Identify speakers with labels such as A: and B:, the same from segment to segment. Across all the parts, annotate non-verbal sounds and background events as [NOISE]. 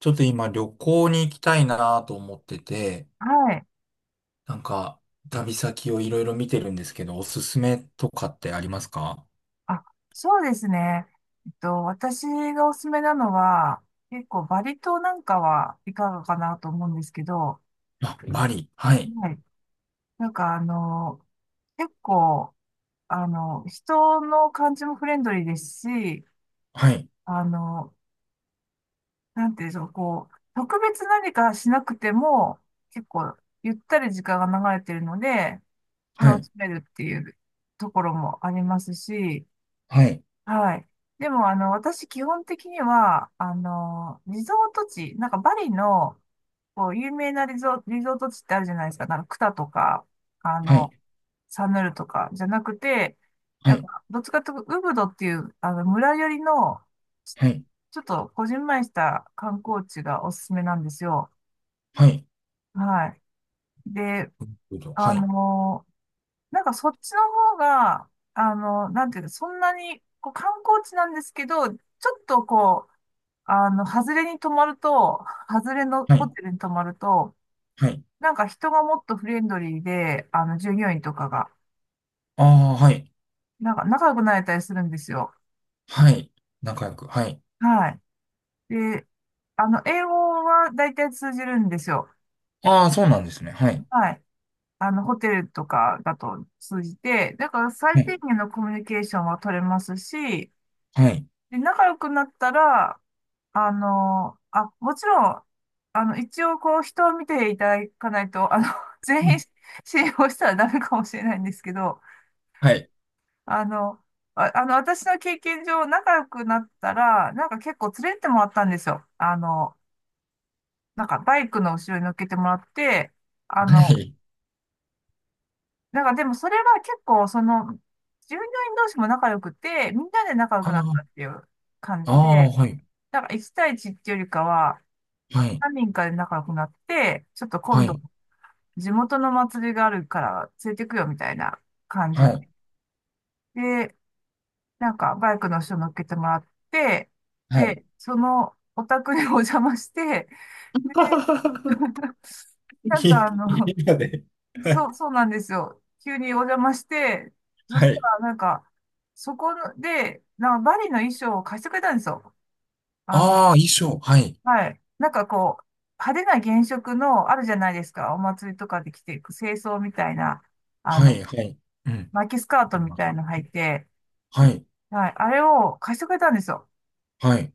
A: ちょっと今旅行に行きたいなと思ってて、
B: はい。
A: なんか旅先をいろいろ見てるんですけど、おすすめとかってありますか？
B: あ、そうですね。私がおすすめなのは、結構バリ島なんかはいかがかなと思うんですけど、
A: あ、バリ。はい。
B: はい。なんか結構、人の感じもフレンドリーですし、
A: はい。
B: あの、なんていうんでしょう、こう、特別何かしなくても、結構、ゆったり時間が流れてるので、
A: は
B: 楽
A: い。
B: しめるっていうところもありますし、
A: はい。
B: はい。でも、私、基本的には、リゾート地、なんかバリの、こう、有名なリゾート地ってあるじゃないですか。なんか、クタとか、あ
A: はい。
B: の、サヌルとか、じゃなくて、
A: は
B: なん
A: い。
B: か、どっちかというと、ウブドっていう、村寄りの、
A: はい。はい。
B: ちょっと、こじんまりした観光地がおすすめなんですよ。
A: はい。
B: はい。で、あの、なんか、そっちの方が、なんていうの、そんなに、こう、観光地なんですけど、ちょっとこう、外れに泊まると、外れの
A: は
B: ホ
A: い。
B: テルに泊まると、
A: はい。
B: なんか人がもっとフレンドリーで、従業員とかが、
A: ああー、はい。
B: なんか仲良くなれたりするんですよ。
A: はい。仲良く。はい。
B: はい。で、英語は大体通じるんですよ。
A: ああ、そうなんですね。はい。
B: はい。ホテルとかだと通じて、だから
A: は
B: 最
A: い。
B: 低限のコミュニケーションは取れますし、
A: はい。
B: で、仲良くなったら、あ、もちろん、一応こう人を見ていただかないと、[LAUGHS]
A: う
B: 全員
A: ん。
B: 信用したらダメかもしれないんですけど、
A: はい。
B: あの、私の経験上仲良くなったら、なんか結構連れてってもらったんですよ。なんかバイクの後ろに乗っけてもらって、あ
A: は
B: の、
A: い。
B: なんかでもそれは結構その、従業員同士も仲良くて、みんなで仲良
A: あ
B: くなった
A: あ、
B: っていう感
A: あ
B: じ
A: あ、
B: で、
A: はい。
B: なんか1対1っていうよりかは、
A: はい。
B: 何人かで仲良くなって、ちょっと
A: は
B: 今度
A: い。
B: 地元の祭りがあるから連れてくよみたいな感じ
A: はい。
B: で、なんかバイクの人乗っけてもらって、
A: はい。
B: で、そのお宅にお邪魔して、で、
A: [LAUGHS] い
B: なんか
A: いので。
B: そう、そうなんですよ。急にお邪魔して、そ
A: は
B: した
A: い。
B: らなんか、そこで、なんかバリの衣装を貸してくれたんですよ。あの、
A: ああ、衣装。はい。
B: はい。なんかこう、派手な原色のあるじゃないですか。お祭りとかで着ていく清装みたいな、あ
A: は
B: の、
A: い。はい。うん。
B: 巻きスカートみたいの履いて、
A: はい。
B: はい。あれを貸してくれたんですよ。
A: はい。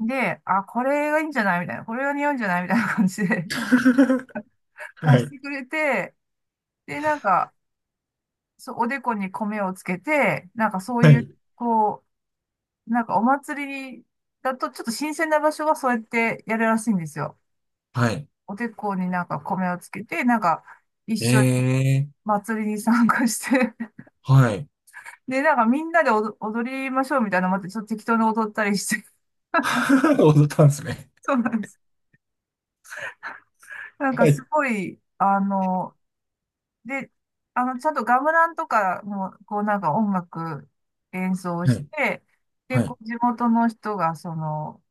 B: で、あ、これがいいんじゃないみたいな。これが似合うんじゃないみたいな感じで
A: [LAUGHS]
B: [LAUGHS] 貸
A: は
B: し
A: い。
B: てくれて、で、なんか、そう、おでこに米をつけて、なんかそう
A: は
B: いう、
A: い。
B: こう、なんかお祭りだとちょっと新鮮な場所はそうやってやるらしいんですよ。
A: はい。
B: おでこになんか米をつけて、なんか一緒に
A: ええ
B: 祭りに参加して
A: ー。はい。
B: [LAUGHS] で、なんかみんなで踊りましょうみたいなのもあって、ちょっと適当に踊ったりして。
A: [LAUGHS] 踊ったんですね。
B: [LAUGHS] そうなんです。なんか
A: は
B: す
A: い。
B: ごい、で、ちゃんとガムランとかの、こうなんか音楽演奏
A: は
B: し
A: い。
B: て、
A: は
B: で、こ
A: い。
B: う地元の人が、その、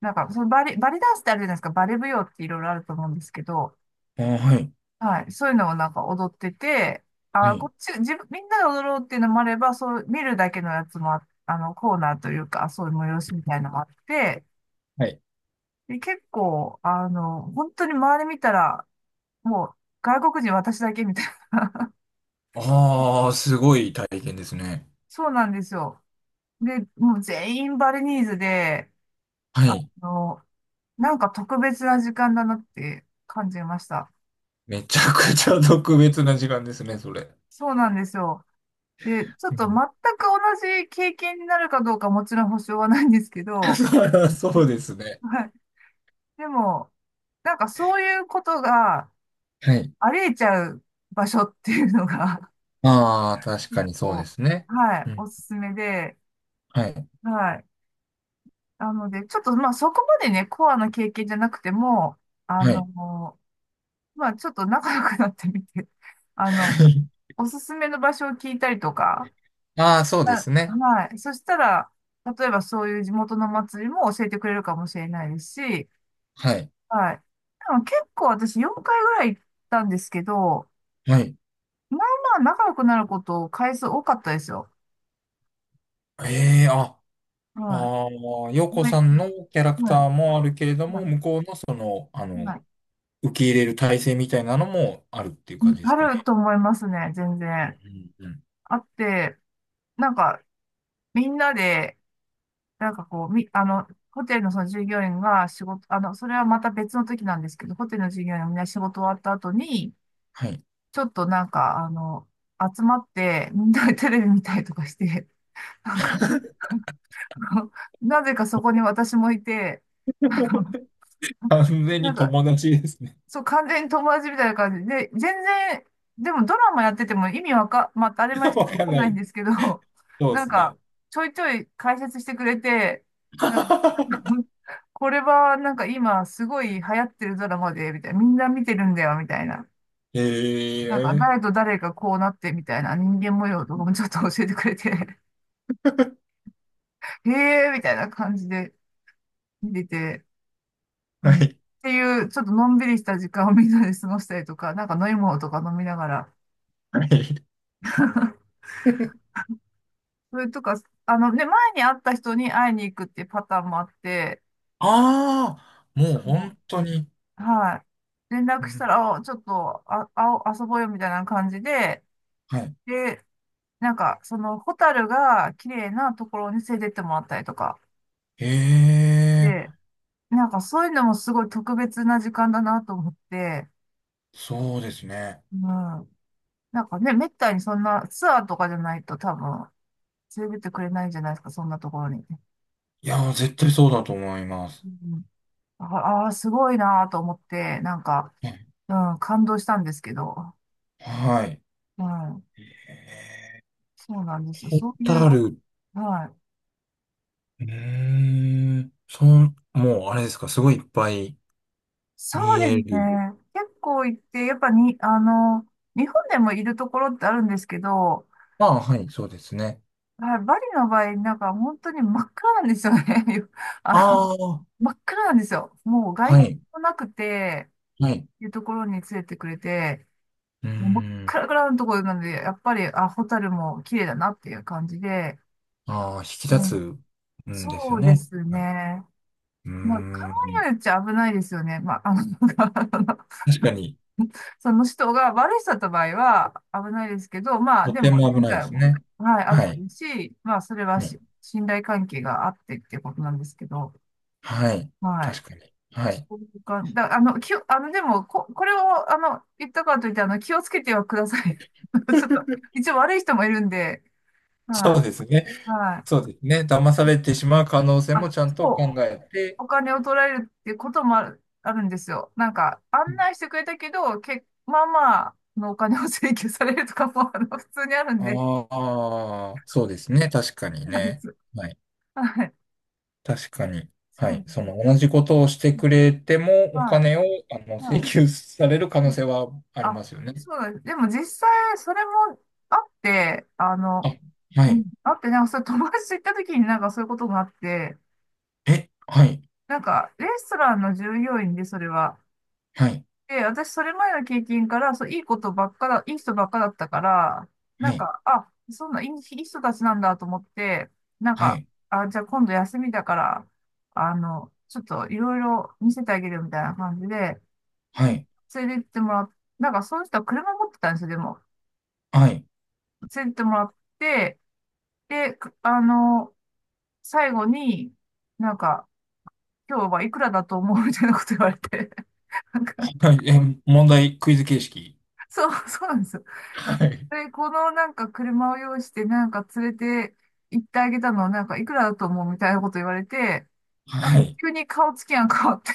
B: なんか、そのバリダンスってあるじゃないですか、バレ舞踊っていろいろあると思うんですけど、
A: あー、はい。
B: はい、そういうのをなんか踊ってて、
A: は
B: あ、こ
A: い。
B: っち、自分、みんなで踊ろうっていうのもあれば、そう、見るだけのやつもコーナーというか、そういう催しみたいのもあって、
A: はい。
B: で、結構、本当に周り見たら、もう、外国人私だけみたいな。
A: ああ、すごい体験ですね。
B: そうなんですよ。で、もう全員バリニーズで、
A: は
B: あ
A: い。
B: の、なんか特別な時間だなって感じました。
A: めちゃくちゃ特別な時間ですね、それ。
B: そうなんですよ。で、ちょっ
A: う
B: と全
A: ん。
B: く同じ経験になるかどうかもちろん保証はないんですけ
A: [LAUGHS]
B: ど、
A: そりゃ [LAUGHS] そうです
B: [LAUGHS]
A: ね。
B: はい。でも、なんかそういうことが
A: はい。
B: ありえちゃう場所っていうのが
A: ああ、確
B: [LAUGHS] 結
A: かにそうで
B: 構、
A: すね。
B: はい、
A: う
B: お
A: ん。
B: すすめで、
A: はい。
B: はい。なので、ちょっとまあそこまでね、コアな経験じゃなくても、あ
A: はい。
B: の、まあ、ちょっと仲良くなってみて、[LAUGHS] あの、
A: [LAUGHS]
B: おすすめの場所を聞いたりとか、
A: ああ、そうで
B: あ
A: すね。
B: はい。そしたら、例えばそういう地元の祭りも教えてくれるかもしれないですし、
A: はい。
B: はい。でも結構私4回ぐらい行ったんですけど、
A: はい。
B: まあまあ仲良くなること回数多かったですよ。
A: ええあ、
B: は
A: ああ、洋
B: い。
A: 子
B: はい。
A: さんのキャラク
B: はい。
A: ターもあるけれど
B: は
A: も、
B: い。
A: 向こうのその、
B: はい、
A: 受け入れる体制みたいなのもあるっていう感じで
B: あ
A: すか
B: る
A: ね。
B: と思いますね、全
A: う
B: 然。
A: んうん。
B: あって、なんか、みんなで、なんかこう、み、あの、ホテルのその従業員が仕事、それはまた別の時なんですけど、ホテルの従業員がみんな仕事終わった後に、
A: はい。
B: ちょっとなんか、集まって、みんなでテレビ見たりとかして、なんか、[LAUGHS] あのなぜかそこに私もいて、[LAUGHS] あの
A: [LAUGHS] 完全
B: な
A: に
B: んか、
A: 友達ですね。
B: そう、完全に友達みたいな感じで、全然、でもドラマやってても意味わか、まあ、当たり前
A: [LAUGHS]
B: です
A: わ
B: けどわ
A: か
B: か
A: ん
B: ん
A: な
B: ないん
A: い。
B: ですけど、[LAUGHS]
A: そうで
B: なん
A: す
B: か、
A: ね。
B: ちょいちょい解説してくれて、なんか、
A: [LAUGHS]
B: [LAUGHS] これはなんか今すごい流行ってるドラマで、みたいな、みんな見てるんだよ、みたいな。なんか、
A: ええ
B: 誰と誰がこうなって、みたいな人間模様とかもちょっと教えてくれて、[LAUGHS] へえ、みたいな感じで見てて、う
A: は
B: んっ
A: い。
B: ていう、ちょっとのんびりした時間をみんなで過ごしたりとか、なんか飲み物とか飲みながら、
A: はい。
B: それとか、あのね、前に会った人に会いに行くっていうパターンもあって、
A: ああ、も
B: そ
A: う
B: の、
A: 本当に。
B: はい。連
A: う
B: 絡し
A: ん、
B: たら、あちょっと、遊ぼうよみたいな感じで、
A: はい。
B: で、なんか、その、ホタルが綺麗なところに連れてってもらったりとか。
A: ええ
B: で、なんかそういうのもすごい特別な時間だなと思って、
A: そうですね。
B: うん。なんかね、めったにそんなツアーとかじゃないと多分、連れてってくれないんじゃないですか、そんなところに。
A: いやー、絶対そうだと思いま
B: う
A: す。
B: ん、すごいなと思って、なんか、
A: ね、
B: うん、感動したんですけど。
A: はい。
B: うん、
A: え
B: そうなんですよ。
A: ホ
B: そうい
A: タ
B: う、
A: ル。う
B: はい。
A: ーん。その、もう、あれですか、すごいいっぱい
B: そ
A: 見
B: うです
A: え
B: ね。
A: る。
B: 結構行って、やっぱに、日本でもいるところってあるんですけど、
A: ああ、はい、そうですね。
B: はい、バリの場合、なんか本当に真っ暗なんですよね。[LAUGHS] あの、
A: ああ、
B: 真っ暗なんですよ。もう外
A: は
B: 光
A: い、
B: もなくて、
A: はい。
B: いうところに連れてくれて、
A: うー
B: もう真っ
A: ん。
B: 暗のところなんで、やっぱり、あ、ホタルも綺麗だなっていう感じで、
A: ああ、引き立つんです
B: そ
A: よ
B: うで
A: ね。
B: す
A: はい、
B: ね。
A: うー
B: まあ、考え
A: ん。
B: によっちゃ危ないですよね。まあ、[LAUGHS]
A: 確かに、
B: その人が悪い人だった場合は危ないですけど、まあ、
A: と
B: で
A: て
B: も、
A: も危
B: 前
A: ないで
B: 回
A: す
B: も、
A: ね。
B: はい、あっ
A: は
B: て
A: い、
B: るし、まあ、それは
A: はい、
B: 信頼関係があってっていうことなんですけど、
A: はい。
B: はい。
A: 確かに。はい。
B: そういうか、だ、あの、でも、これを、言ったからといって、気をつけてはください。[LAUGHS] ちょっと、
A: [LAUGHS]
B: 一応悪い人もいるんで、
A: そ
B: は
A: うで
B: い、
A: すね。
B: は
A: そ
B: い。
A: うですね。騙されてしまう可能性も
B: あ、
A: ちゃんと考
B: そう。
A: えて、
B: お金を取られるっていうこともある、あるんですよ。案内してくれたけど、まあまあのお金を請求されるとかも、[LAUGHS] 普通にあるんで、
A: ああ、そうですね。確かに
B: そうなんで
A: ね。
B: す。
A: はい。
B: はい。
A: 確かに。
B: そ
A: は
B: うな
A: い。
B: んで
A: その
B: す
A: 同
B: ね。
A: じことをしてくれても、お
B: は
A: 金を、
B: い。
A: 請
B: は
A: 求される可
B: い。
A: 能
B: うん、
A: 性はあり
B: あ、
A: ますよね。
B: そうなんです。でも実際、それもあって、
A: あ、は
B: うん
A: い。
B: あって、それ友達と行った時になんかそういうことがあって、
A: え、はい。
B: なんか、レストランの従業員で、それは、
A: はい。
B: で、私、それ前の経験から、いい人ばっかだったから、な
A: は
B: ん
A: い。
B: か、あ、そんな、いい人たちなんだと思って、なん
A: は
B: か、
A: い。
B: あ、じゃあ今度休みだから、ちょっといろいろ見せてあげるよみたいな感じで、
A: はい。
B: 連れてってもらっ、なんか、その人は車持ってたんですよ、でも。
A: はい。
B: 連れてってもらって、で、最後に、なんか、今日はいくらだと思うみたいなこと言われて、[LAUGHS] なんか、
A: はいえ、問題、クイズ形式。
B: そうなんですよ。
A: はい。
B: で、このなんか車を用意してなんか連れて行ってあげたのはなんかいくらだと思うみたいなこと言われて、なん
A: は
B: か
A: い。
B: 急に顔つきが変わって、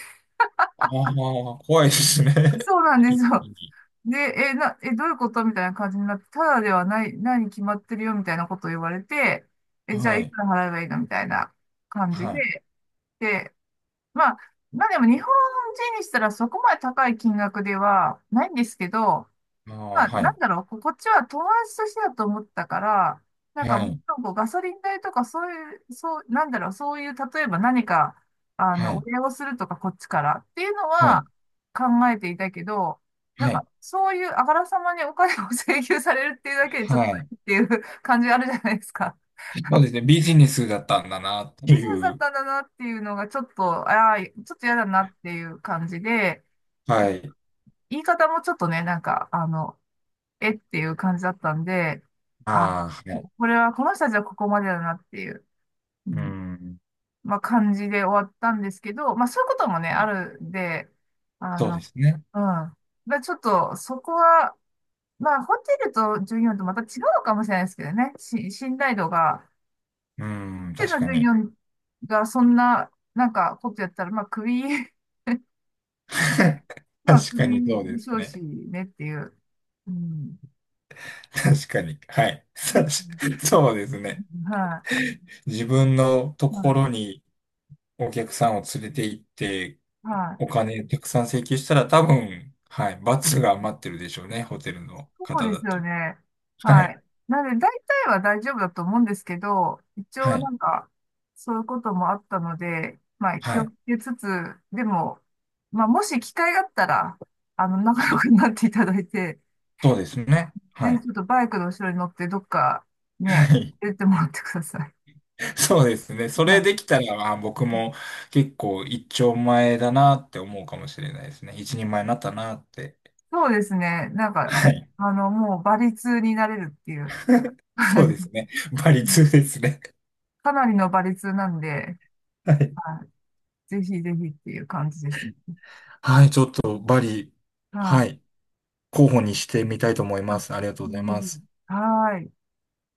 A: ああ、怖いですね。
B: [LAUGHS]
A: [LAUGHS]
B: そうなんです
A: 一気
B: よ。
A: に。
B: で、え、な、え、どういうことみたいな感じになって、ただではない、何決まってるよみたいなことを言われて、え、じゃ
A: は
B: あい
A: い。
B: くら払えばいいのみたいな感じ
A: はい。
B: で、で、まあ、まあでも日本人にしたらそこまで高い金額ではないんですけど、
A: あ
B: ま
A: あ、
B: あ、
A: は
B: なん
A: い。
B: だろう、こっちは友達としてだと思ったから、なんか
A: は
B: もっ
A: い。
B: とこうガソリン代とかそういう、なんだろう、そういう、例えば何か、
A: は
B: お
A: い。
B: 礼をするとかこっちからっていうの
A: は
B: は
A: い。
B: 考えていたけど、なん
A: はい。
B: かそういうあからさまにお金を請求されるっていうだけでちょっ
A: は
B: と
A: い。
B: っていう [LAUGHS] 感じがあるじゃないですか。
A: そうですね。ビジネスだったんだなって
B: ビジネスだ
A: い
B: っ
A: う。
B: たんだなっていうのがちょっと、ああ、ちょっと嫌だなっていう感じで、
A: はい。
B: 言い方もちょっとね、えっていう感じだったんで、あ、
A: ああ、はい。
B: これは、この人たちはここまでだなっていう、う
A: う
B: ん、
A: ん。
B: まあ感じで終わったんですけど、まあそういうこともね、あるんで、あ
A: そうで
B: の、
A: すね。
B: うん。まあちょっと、そこは、まあホテルと従業員とまた違うのかもしれないですけどね、信頼度が、
A: うん。
B: ホテ
A: 確
B: ルの
A: か
B: 従業
A: に。
B: 員がそんななんかことやったら、まあクビ、[LAUGHS]
A: [LAUGHS]
B: まあ
A: 確
B: ク
A: か
B: ビ
A: にそう
B: で
A: で
B: しょ
A: す
B: うし
A: ね。
B: ねっていう、うん。
A: 確かに。はい。[LAUGHS]
B: で
A: さし
B: す
A: そうですね。
B: は
A: 自分のと
B: い、
A: こ
B: は
A: ろにお客さんを連れて行って、
B: い、は
A: お
B: い。
A: 金たくさん請求したら多分、はい。罰が待ってるでしょうね。ホテルの
B: そう
A: 方
B: で
A: だ
B: す
A: と。
B: よね。
A: は
B: は
A: い。
B: い。なので、大体は大丈夫だと思うんですけど、一応
A: は
B: な
A: い。
B: んか、そういうこともあったので、まあ、気
A: は
B: を
A: い。
B: つけつつ、でも、まあ、もし機会があったら、仲
A: は
B: 良
A: い。
B: くなっていただいて、
A: そうですね。
B: ぜ
A: は
B: ひ
A: い。
B: ちょっとバイクの後ろに乗って、どっか、ね、
A: はい。
B: 出てもらってください。
A: [LAUGHS] そうですね。そ
B: は
A: れ
B: い。
A: できたら、まあ、僕も結構一丁前だなって思うかもしれないですね。一人前になったなって。
B: そうですね。
A: はい。
B: もう、馬率になれるっていう。は
A: そ
B: い。
A: うですね。バリ2ですね。
B: かなりの馬率なんで、
A: はい。
B: はい。ぜひぜひっていう感じですね。
A: はい、ちょっとバリ、
B: は
A: は
B: い。
A: い、候補にしてみたいと思い
B: あ、
A: ま
B: ぜ
A: す。ありがとうござ
B: ひ
A: い
B: ぜ
A: ま
B: ひ
A: す。
B: はい。